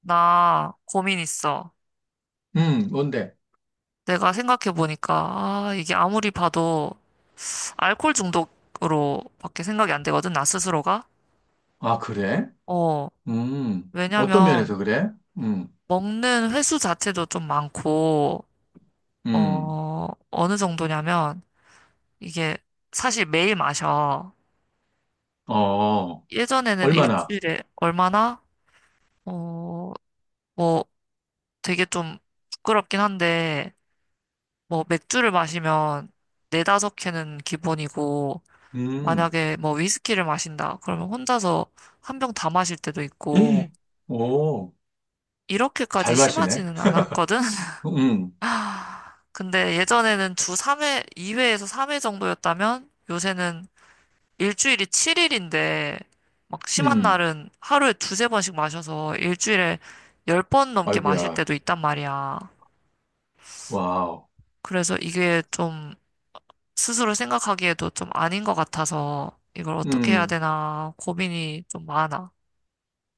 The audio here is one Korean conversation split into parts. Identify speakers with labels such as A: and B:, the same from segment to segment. A: 나 고민 있어.
B: 뭔데?
A: 내가 생각해보니까, 아, 이게 아무리 봐도 알코올 중독으로밖에 생각이 안 되거든, 나 스스로가.
B: 아, 그래?
A: 어,
B: 어떤 면에서
A: 왜냐면,
B: 그래? 음,
A: 먹는 횟수 자체도 좀 많고,
B: 음,
A: 어, 어느 정도냐면, 이게 사실 매일 마셔.
B: 어,
A: 예전에는
B: 얼마나?
A: 일주일에 얼마나, 어, 뭐 되게 좀 부끄럽긴 한데, 뭐 맥주를 마시면 네다섯 캔은 기본이고,
B: 음,
A: 만약에 뭐 위스키를 마신다. 그러면 혼자서 한 병 다 마실 때도
B: 에이,
A: 있고,
B: 오, 잘
A: 이렇게까지
B: 마시네?
A: 심하지는 않았거든?
B: 음,
A: 아, 근데 예전에는 주 3회, 2회에서 3회 정도였다면, 요새는 일주일이 7일인데, 막 심한
B: 음,
A: 날은 하루에 두세 번씩 마셔서 일주일에 10번 넘게 마실
B: 아이고야,
A: 때도 있단 말이야.
B: 와우,
A: 그래서 이게 좀 스스로 생각하기에도 좀 아닌 것 같아서 이걸 어떻게 해야
B: 음,
A: 되나 고민이 좀 많아.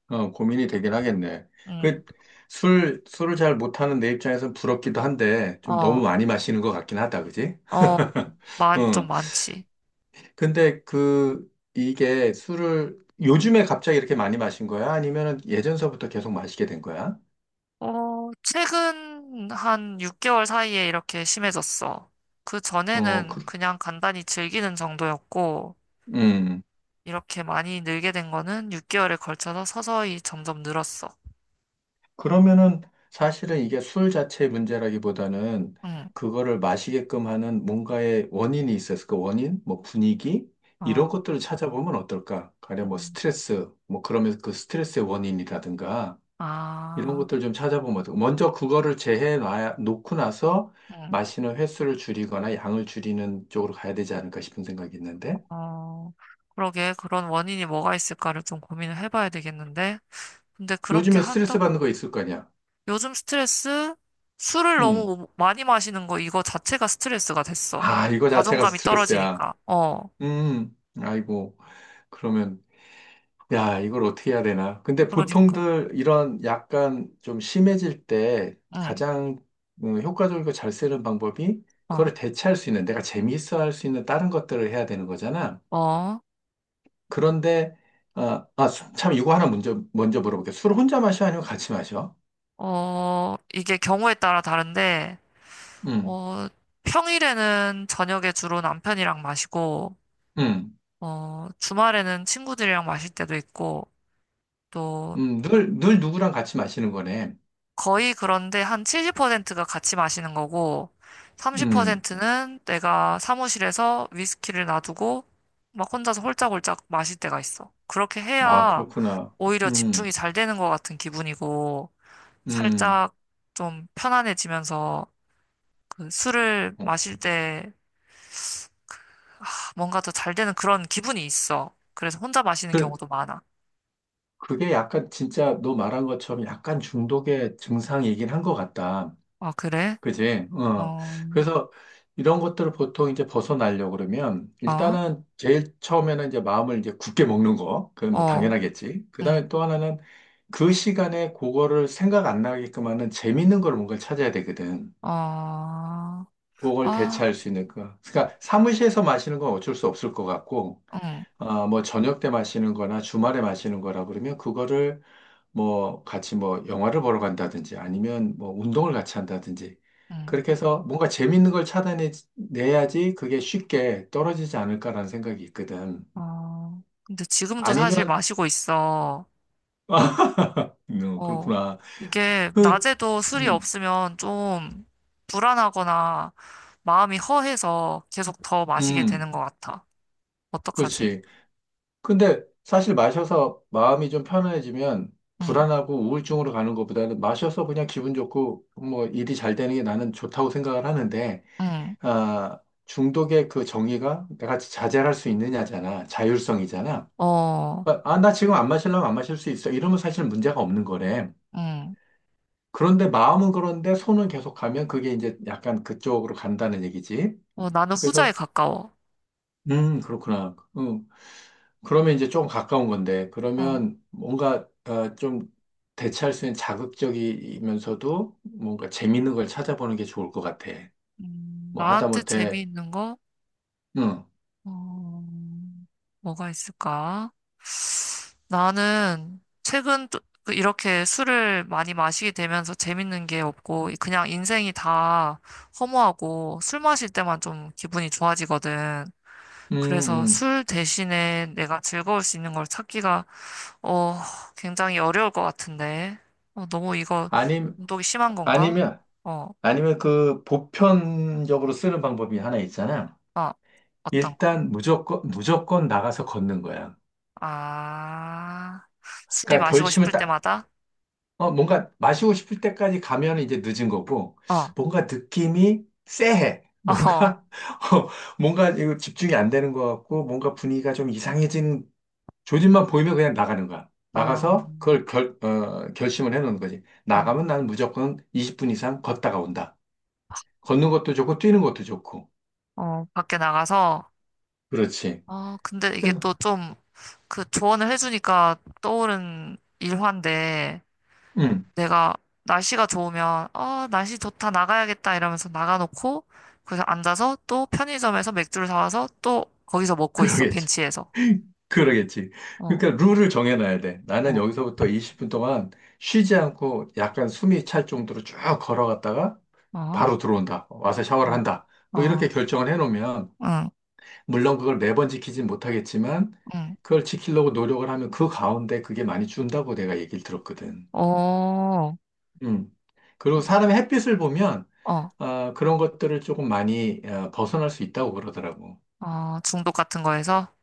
B: 어, 고민이 되긴 하겠네.
A: 응.
B: 그, 술을 잘 못하는 내 입장에선 부럽기도 한데, 좀
A: 어,
B: 너무 많이 마시는 것 같긴 하다, 그지?
A: 어, 좀
B: 어,
A: 많지.
B: 근데 그, 이게 술을 요즘에 갑자기 이렇게 많이 마신 거야? 아니면은 예전서부터 계속 마시게 된 거야?
A: 어, 최근 한 6개월 사이에 이렇게 심해졌어. 그
B: 어,
A: 전에는
B: 그,
A: 그냥 간단히 즐기는 정도였고,
B: 음.
A: 이렇게 많이 늘게 된 거는 6개월에 걸쳐서 서서히 점점 늘었어.
B: 그러면은 사실은 이게 술 자체의 문제라기보다는
A: 응.
B: 그거를 마시게끔 하는 뭔가의 원인이 있었을 까 원인? 뭐 분위기? 이런
A: 어.
B: 것들을 찾아보면 어떨까? 가령 뭐
A: 음.
B: 스트레스, 뭐 그러면서 그 스트레스의 원인이라든가 이런
A: 아.
B: 것들 좀 찾아보면 어떡해. 먼저 그거를 재해 놔 놓고 나서
A: 응.
B: 마시는 횟수를 줄이거나 양을 줄이는 쪽으로 가야 되지 않을까 싶은 생각이 있는데
A: 어. 그러게, 그런 원인이 뭐가 있을까를 좀 고민을 해봐야 되겠는데. 근데 그렇게
B: 요즘에 스트레스 받는
A: 한다고.
B: 거 있을 거냐?
A: 요즘 스트레스? 술을
B: 음.
A: 너무 뭐 많이 마시는 거 이거 자체가 스트레스가 됐어.
B: 아, 이거 자체가
A: 자존감이
B: 스트레스야.
A: 떨어지니까. 어.
B: 음. 아이고. 그러면 야, 이걸 어떻게 해야 되나? 근데
A: 그러니까.
B: 보통들 이런 약간 좀 심해질 때
A: 응.
B: 가장 효과적이고 잘 쓰는 방법이
A: 어.
B: 그거를 대체할 수 있는 내가 재미있어 할 수 있는 다른 것들을 해야 되는 거잖아.
A: 어.
B: 그런데, 아, 아, 참, 이거 하나 먼저, 물어볼게. 요술 혼자 마셔? 아니면 같이 마셔?
A: 어. 이게 경우에 따라 다른데,
B: 음,
A: 어, 평일에는 저녁에 주로 남편이랑 마시고,
B: 음,
A: 어, 주말에는 친구들이랑 마실 때도 있고, 또
B: 늘 누구랑 같이 마시는 거네.
A: 거의 그런데 한 70%가 같이 마시는 거고,
B: 음,
A: 30%는 내가 사무실에서 위스키를 놔두고, 막 혼자서 홀짝홀짝 마실 때가 있어. 그렇게
B: 아,
A: 해야
B: 그렇구나.
A: 오히려 집중이
B: 음,
A: 잘 되는 것 같은 기분이고,
B: 음.
A: 살짝 좀 편안해지면서 그 술을
B: 어.
A: 마실 때 아, 뭔가 더 잘 되는 그런 기분이 있어. 그래서 혼자 마시는
B: 그,
A: 경우도 많아.
B: 그게 약간 진짜 너 말한 것처럼 약간 중독의 증상이긴 한 것 같다.
A: 아, 그래?
B: 그지? 어.
A: 어.
B: 그래서 이런 것들을 보통 이제 벗어나려고 그러면
A: 어.
B: 일단은 제일 처음에는 이제 마음을 이제 굳게 먹는 거. 그건 뭐
A: 어.
B: 당연하겠지. 그
A: 응.
B: 다음에 또 하나는 그 시간에 그거를 생각 안 나게끔 하는 재밌는 걸 뭔가를 찾아야 되거든.
A: 어.
B: 그걸
A: 아.
B: 대체할 수 있는 거. 그러니까 사무실에서 마시는 건 어쩔 수 없을 것 같고
A: 응.
B: 아, 뭐 저녁 때 마시는 거나 주말에 마시는 거라 그러면 그거를 뭐 같이 뭐 영화를 보러 간다든지 아니면 뭐 운동을 같이 한다든지
A: 응.
B: 그렇게 해서 뭔가 재밌는 걸 차단해 내야지 그게 쉽게 떨어지지 않을까라는 생각이 있거든.
A: 아, 근데 지금도 사실
B: 아니면
A: 마시고 있어.
B: 아,
A: 어,
B: 그렇구나.
A: 이게
B: 그
A: 낮에도 술이
B: 음,
A: 없으면 좀 불안하거나 마음이 허해서 계속 더 마시게
B: 음,
A: 되는 것 같아. 어떡하지?
B: 그렇지. 근데 사실 마셔서 마음이 좀 편해지면
A: 응.
B: 불안하고 우울증으로 가는 것보다는 마셔서 그냥 기분 좋고 뭐 일이 잘 되는 게 나는 좋다고 생각을 하는데
A: 응.
B: 아, 중독의 그 정의가 내가 자제할 수 있느냐잖아. 자율성이잖아.
A: 어.
B: 그러니까, 아, 나 지금 안 마실라면 안 마실 수 있어. 이러면 사실 문제가 없는 거래.
A: 응.
B: 그런데 마음은 그런데 손은 계속 가면 그게 이제 약간 그쪽으로 간다는 얘기지.
A: 어, 나는 후자에
B: 그래서,
A: 가까워.
B: 그렇구나. 그러면 이제 조금 가까운 건데,
A: 어,
B: 그러면 뭔가 어, 좀 대체할 수 있는 자극적이면서도 뭔가 재밌는 걸 찾아보는 게 좋을 것 같아. 뭐
A: 나한테
B: 하다못해,
A: 재미있는 거?
B: 음,
A: 어, 뭐가 있을까? 나는 최근 그 이렇게 술을 많이 마시게 되면서 재밌는 게 없고 그냥 인생이 다 허무하고 술 마실 때만 좀 기분이 좋아지거든.
B: 음,
A: 그래서
B: 음.
A: 술 대신에 내가 즐거울 수 있는 걸 찾기가 어 굉장히 어려울 것 같은데. 어, 너무 이거
B: 아님,
A: 운동이 심한 건가?
B: 아니면,
A: 어,
B: 아니면 그 보편적으로 쓰는 방법이 하나 있잖아.
A: 아, 어떤 거?
B: 일단 무조건, 무조건 나가서 걷는 거야.
A: 아, 술이
B: 그러니까
A: 마시고
B: 결심을
A: 싶을
B: 딱,
A: 때마다?
B: 어, 뭔가 마시고 싶을 때까지 가면 이제 늦은 거고,
A: 어.
B: 뭔가 느낌이 쎄해.
A: 어.
B: 뭔가, 어, 뭔가 이거 집중이 안 되는 것 같고, 뭔가 분위기가 좀 이상해진 조짐만 보이면 그냥 나가는 거야.
A: 어.
B: 나가서 그걸 결심을 해놓는 거지.
A: 어.
B: 나가면 나는 무조건 20분 이상 걷다가 온다. 걷는 것도 좋고, 뛰는 것도 좋고.
A: 어, 밖에 나가서.
B: 그렇지.
A: 아, 근데 이게
B: 그래서.
A: 또 좀 그 조언을 해주니까 떠오른 일화인데
B: 음.
A: 내가 날씨가 좋으면 날씨 좋다 나가야겠다 이러면서 나가놓고 그래서 앉아서 또 편의점에서 맥주를 사와서 또 거기서 먹고 있어
B: 그러겠지.
A: 벤치에서.
B: 그러겠지.
A: 어.
B: 그러니까 룰을 정해놔야 돼. 나는
A: 어.
B: 여기서부터 20분 동안 쉬지 않고 약간 숨이 찰 정도로 쭉 걸어갔다가
A: 어.
B: 바로 들어온다. 와서 샤워를
A: 어.
B: 한다. 뭐
A: 어.
B: 이렇게 결정을 해놓으면,
A: 응.
B: 물론 그걸 매번 지키진 못하겠지만,
A: 응.
B: 그걸 지키려고 노력을 하면 그 가운데 그게 많이 준다고 내가 얘기를 들었거든.
A: 어.
B: 음. 그리고 사람의 햇빛을 보면,
A: 어.
B: 아, 그런 것들을 조금 많이 어, 벗어날 수 있다고 그러더라고.
A: 어. 중독 같은 거에서.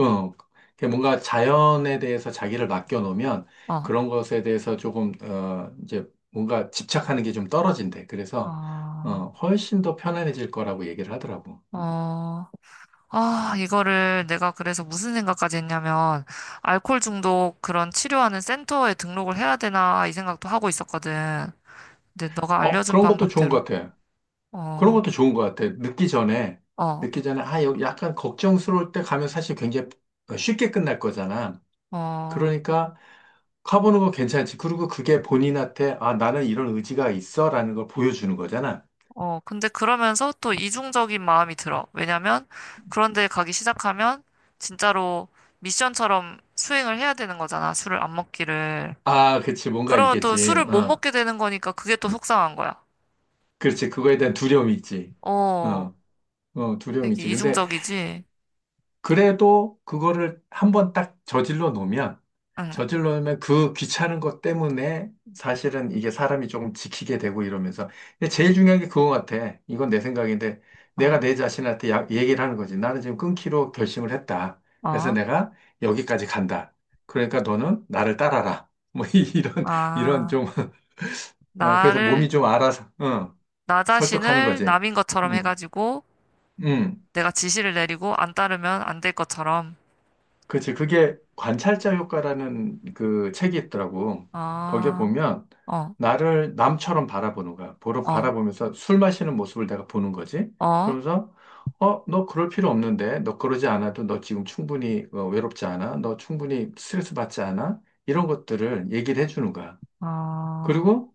B: 어, 그게 뭔가 자연에 대해서 자기를 맡겨놓으면
A: 어.
B: 그런 것에 대해서 조금, 어, 이제 뭔가 집착하는 게 좀 떨어진대. 그래서,
A: 어.
B: 어, 훨씬 더 편안해질 거라고 얘기를 하더라고.
A: 어. 아, 이거를 내가 그래서 무슨 생각까지 했냐면, 알코올 중독 그런 치료하는 센터에 등록을 해야 되나, 이 생각도 하고 있었거든. 근데 너가
B: 어,
A: 알려준
B: 그런 것도 좋은
A: 방법대로.
B: 것 같아. 그런
A: 어.
B: 것도 좋은 것 같아. 늦기 전에,
A: 어.
B: 늦기 전에, 아, 여기 약간 걱정스러울 때 가면 사실 굉장히 쉽게 끝날 거잖아.
A: 어.
B: 그러니까 가보는 거 괜찮지. 그리고 그게 본인한테, 아, 나는 이런 의지가 있어. 라는 걸 보여주는 거잖아.
A: 어. 근데 그러면서 또 이중적인 마음이 들어. 왜냐면, 그런데 가기 시작하면, 진짜로 미션처럼 수행을 해야 되는 거잖아. 술을 안 먹기를.
B: 아, 그치. 뭔가
A: 그러면 또
B: 있겠지.
A: 술을 못
B: 어.
A: 먹게 되는 거니까 그게 또 속상한 거야.
B: 그렇지. 그거에 대한 두려움이 있지.
A: 어,
B: 어, 어, 두려움이
A: 되게
B: 있지. 근데
A: 이중적이지?
B: 그래도 그거를 한번 딱 저질러 놓으면,
A: 응.
B: 그 귀찮은 것 때문에 사실은 이게 사람이 조금 지키게 되고 이러면서. 근데 제일 중요한 게 그거 같아. 이건 내 생각인데, 내가
A: 어.
B: 내 자신한테 얘기를 하는 거지. 나는 지금 끊기로 결심을 했다. 그래서
A: 어.
B: 내가 여기까지 간다. 그러니까 너는 나를 따라라. 뭐 이런, 이런
A: 아,
B: 좀, 어, 그래서
A: 나를,
B: 몸이 좀 알아서, 어,
A: 나
B: 설득하는
A: 자신을
B: 거지.
A: 남인 것처럼
B: 음.
A: 해가지고
B: 음,
A: 내가 지시를 내리고 안 따르면 안 될 것처럼.
B: 그치. 그게 관찰자 효과라는 그 책이 있더라고. 거기에
A: 아.
B: 보면
A: 어.
B: 나를 남처럼 바라보는 거야.
A: 어.
B: 바라보면서 술 마시는 모습을 내가 보는 거지.
A: 어.
B: 그러면서, 어, 너 그럴 필요 없는데. 너 그러지 않아도 너 지금 충분히 어, 외롭지 않아? 너 충분히 스트레스 받지 않아? 이런 것들을 얘기를 해주는 거야.
A: 어.
B: 그리고,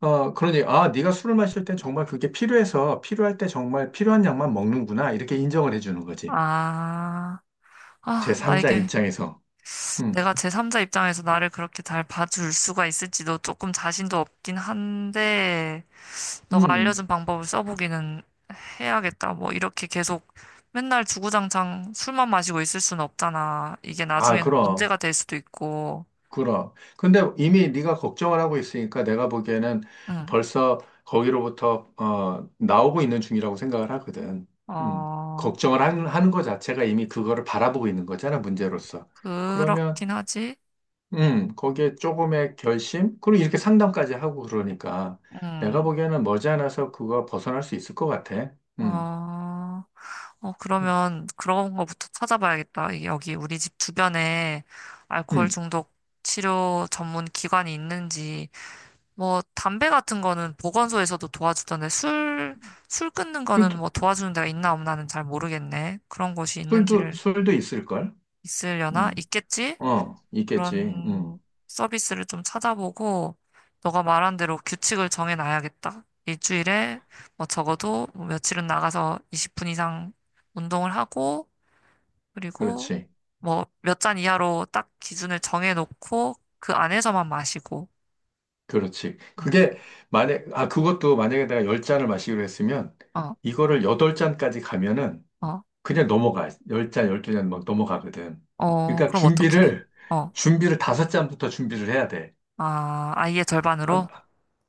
B: 어, 그러니, 아, 네가 술을 마실 때 정말 그게 필요해서 필요할 때 정말 필요한 양만 먹는구나. 이렇게 인정을 해주는 거지.
A: 아. 아.
B: 제3자
A: 나에게
B: 입장에서. 음.
A: 내가 제3자 입장에서 나를 그렇게 잘 봐줄 수가 있을지도 조금 자신도 없긴 한데, 너가
B: 음,
A: 알려준 방법을 써보기는 해야겠다. 뭐, 이렇게 계속 맨날 주구장창 술만 마시고 있을 수는 없잖아. 이게
B: 아,
A: 나중에는
B: 그럼,
A: 문제가 될 수도 있고.
B: 그럼. 근데 이미 네가 걱정을 하고 있으니까 내가 보기에는
A: 응.
B: 벌써 거기로부터 어, 나오고 있는 중이라고 생각을 하거든.
A: 어,
B: 걱정을 하는 것 자체가 이미 그거를 바라보고 있는 거잖아, 문제로서. 그러면,
A: 그렇긴 하지.
B: 거기에 조금의 결심? 그리고 이렇게 상담까지 하고 그러니까 내가
A: 음.
B: 보기에는 머지않아서 그거 벗어날 수 있을 것 같아. 음,
A: 어. 어.
B: 그-
A: 그러면 그런 거부터 찾아봐야겠다. 여기 우리 집 주변에 알코올
B: 음,
A: 중독 치료 전문 기관이 있는지, 뭐, 담배 같은 거는 보건소에서도 도와주던데, 술 끊는 거는
B: 술도,
A: 뭐 도와주는 데가 있나 없나는 잘 모르겠네. 그런 곳이
B: 술도,
A: 있는지를.
B: 술도 있을걸?
A: 있으려나?
B: 음,
A: 있겠지?
B: 어, 있겠지. 음.
A: 그런 서비스를 좀 찾아보고, 너가 말한 대로 규칙을 정해놔야겠다. 일주일에 뭐 적어도 뭐 며칠은 나가서 20분 이상 운동을 하고, 그리고
B: 그렇지.
A: 뭐 몇 잔 이하로 딱 기준을 정해놓고, 그 안에서만 마시고.
B: 그렇지.
A: 응.
B: 그게 만약 아 그것도 만약에 내가 10잔을 마시기로 했으면
A: 어.
B: 이거를 여덟 잔까지 가면은
A: 어.
B: 그냥 넘어가. 10잔 12잔막 넘어가거든.
A: 어.
B: 그러니까
A: 그럼 어떡해? 어,
B: 준비를 다섯 잔부터 준비를 해야 돼.
A: 아, 아이의
B: 아,
A: 절반으로?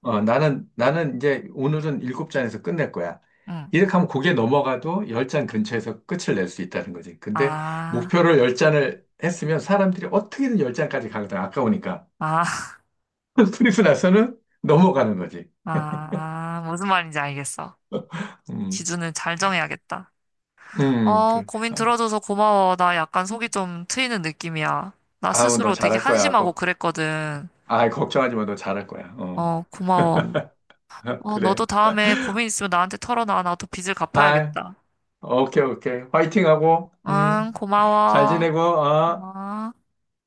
B: 어, 나는 이제 오늘은 일곱 잔에서 끝낼 거야.
A: 응.
B: 이렇게 하면 고개 넘어가도 10잔 근처에서 끝을 낼 수 있다는 거지. 근데
A: 아.
B: 목표를 10잔을 했으면 사람들이 어떻게든 10잔까지 가거든. 아까우니까.
A: 아.
B: 그리고 나서는 넘어가는 거지.
A: 아, 무슨 말인지 알겠어.
B: 음.
A: 기준을 잘 정해야겠다. 어,
B: 그래.
A: 고민
B: 아이,
A: 들어줘서 고마워. 나 약간 속이 좀 트이는 느낌이야. 나
B: 아우, 너
A: 스스로 되게
B: 잘할 거야.
A: 한심하고 그랬거든.
B: 아, 걱정하지 마. 너 잘할 거야. 어.
A: 어, 고마워. 어,
B: 그래.
A: 너도 다음에 고민 있으면 나한테 털어놔. 나도 빚을
B: 아,
A: 갚아야겠다.
B: 오케이, 오케이. 화이팅 하고,
A: 응,
B: 잘
A: 고마워.
B: 지내고, 어.
A: 어.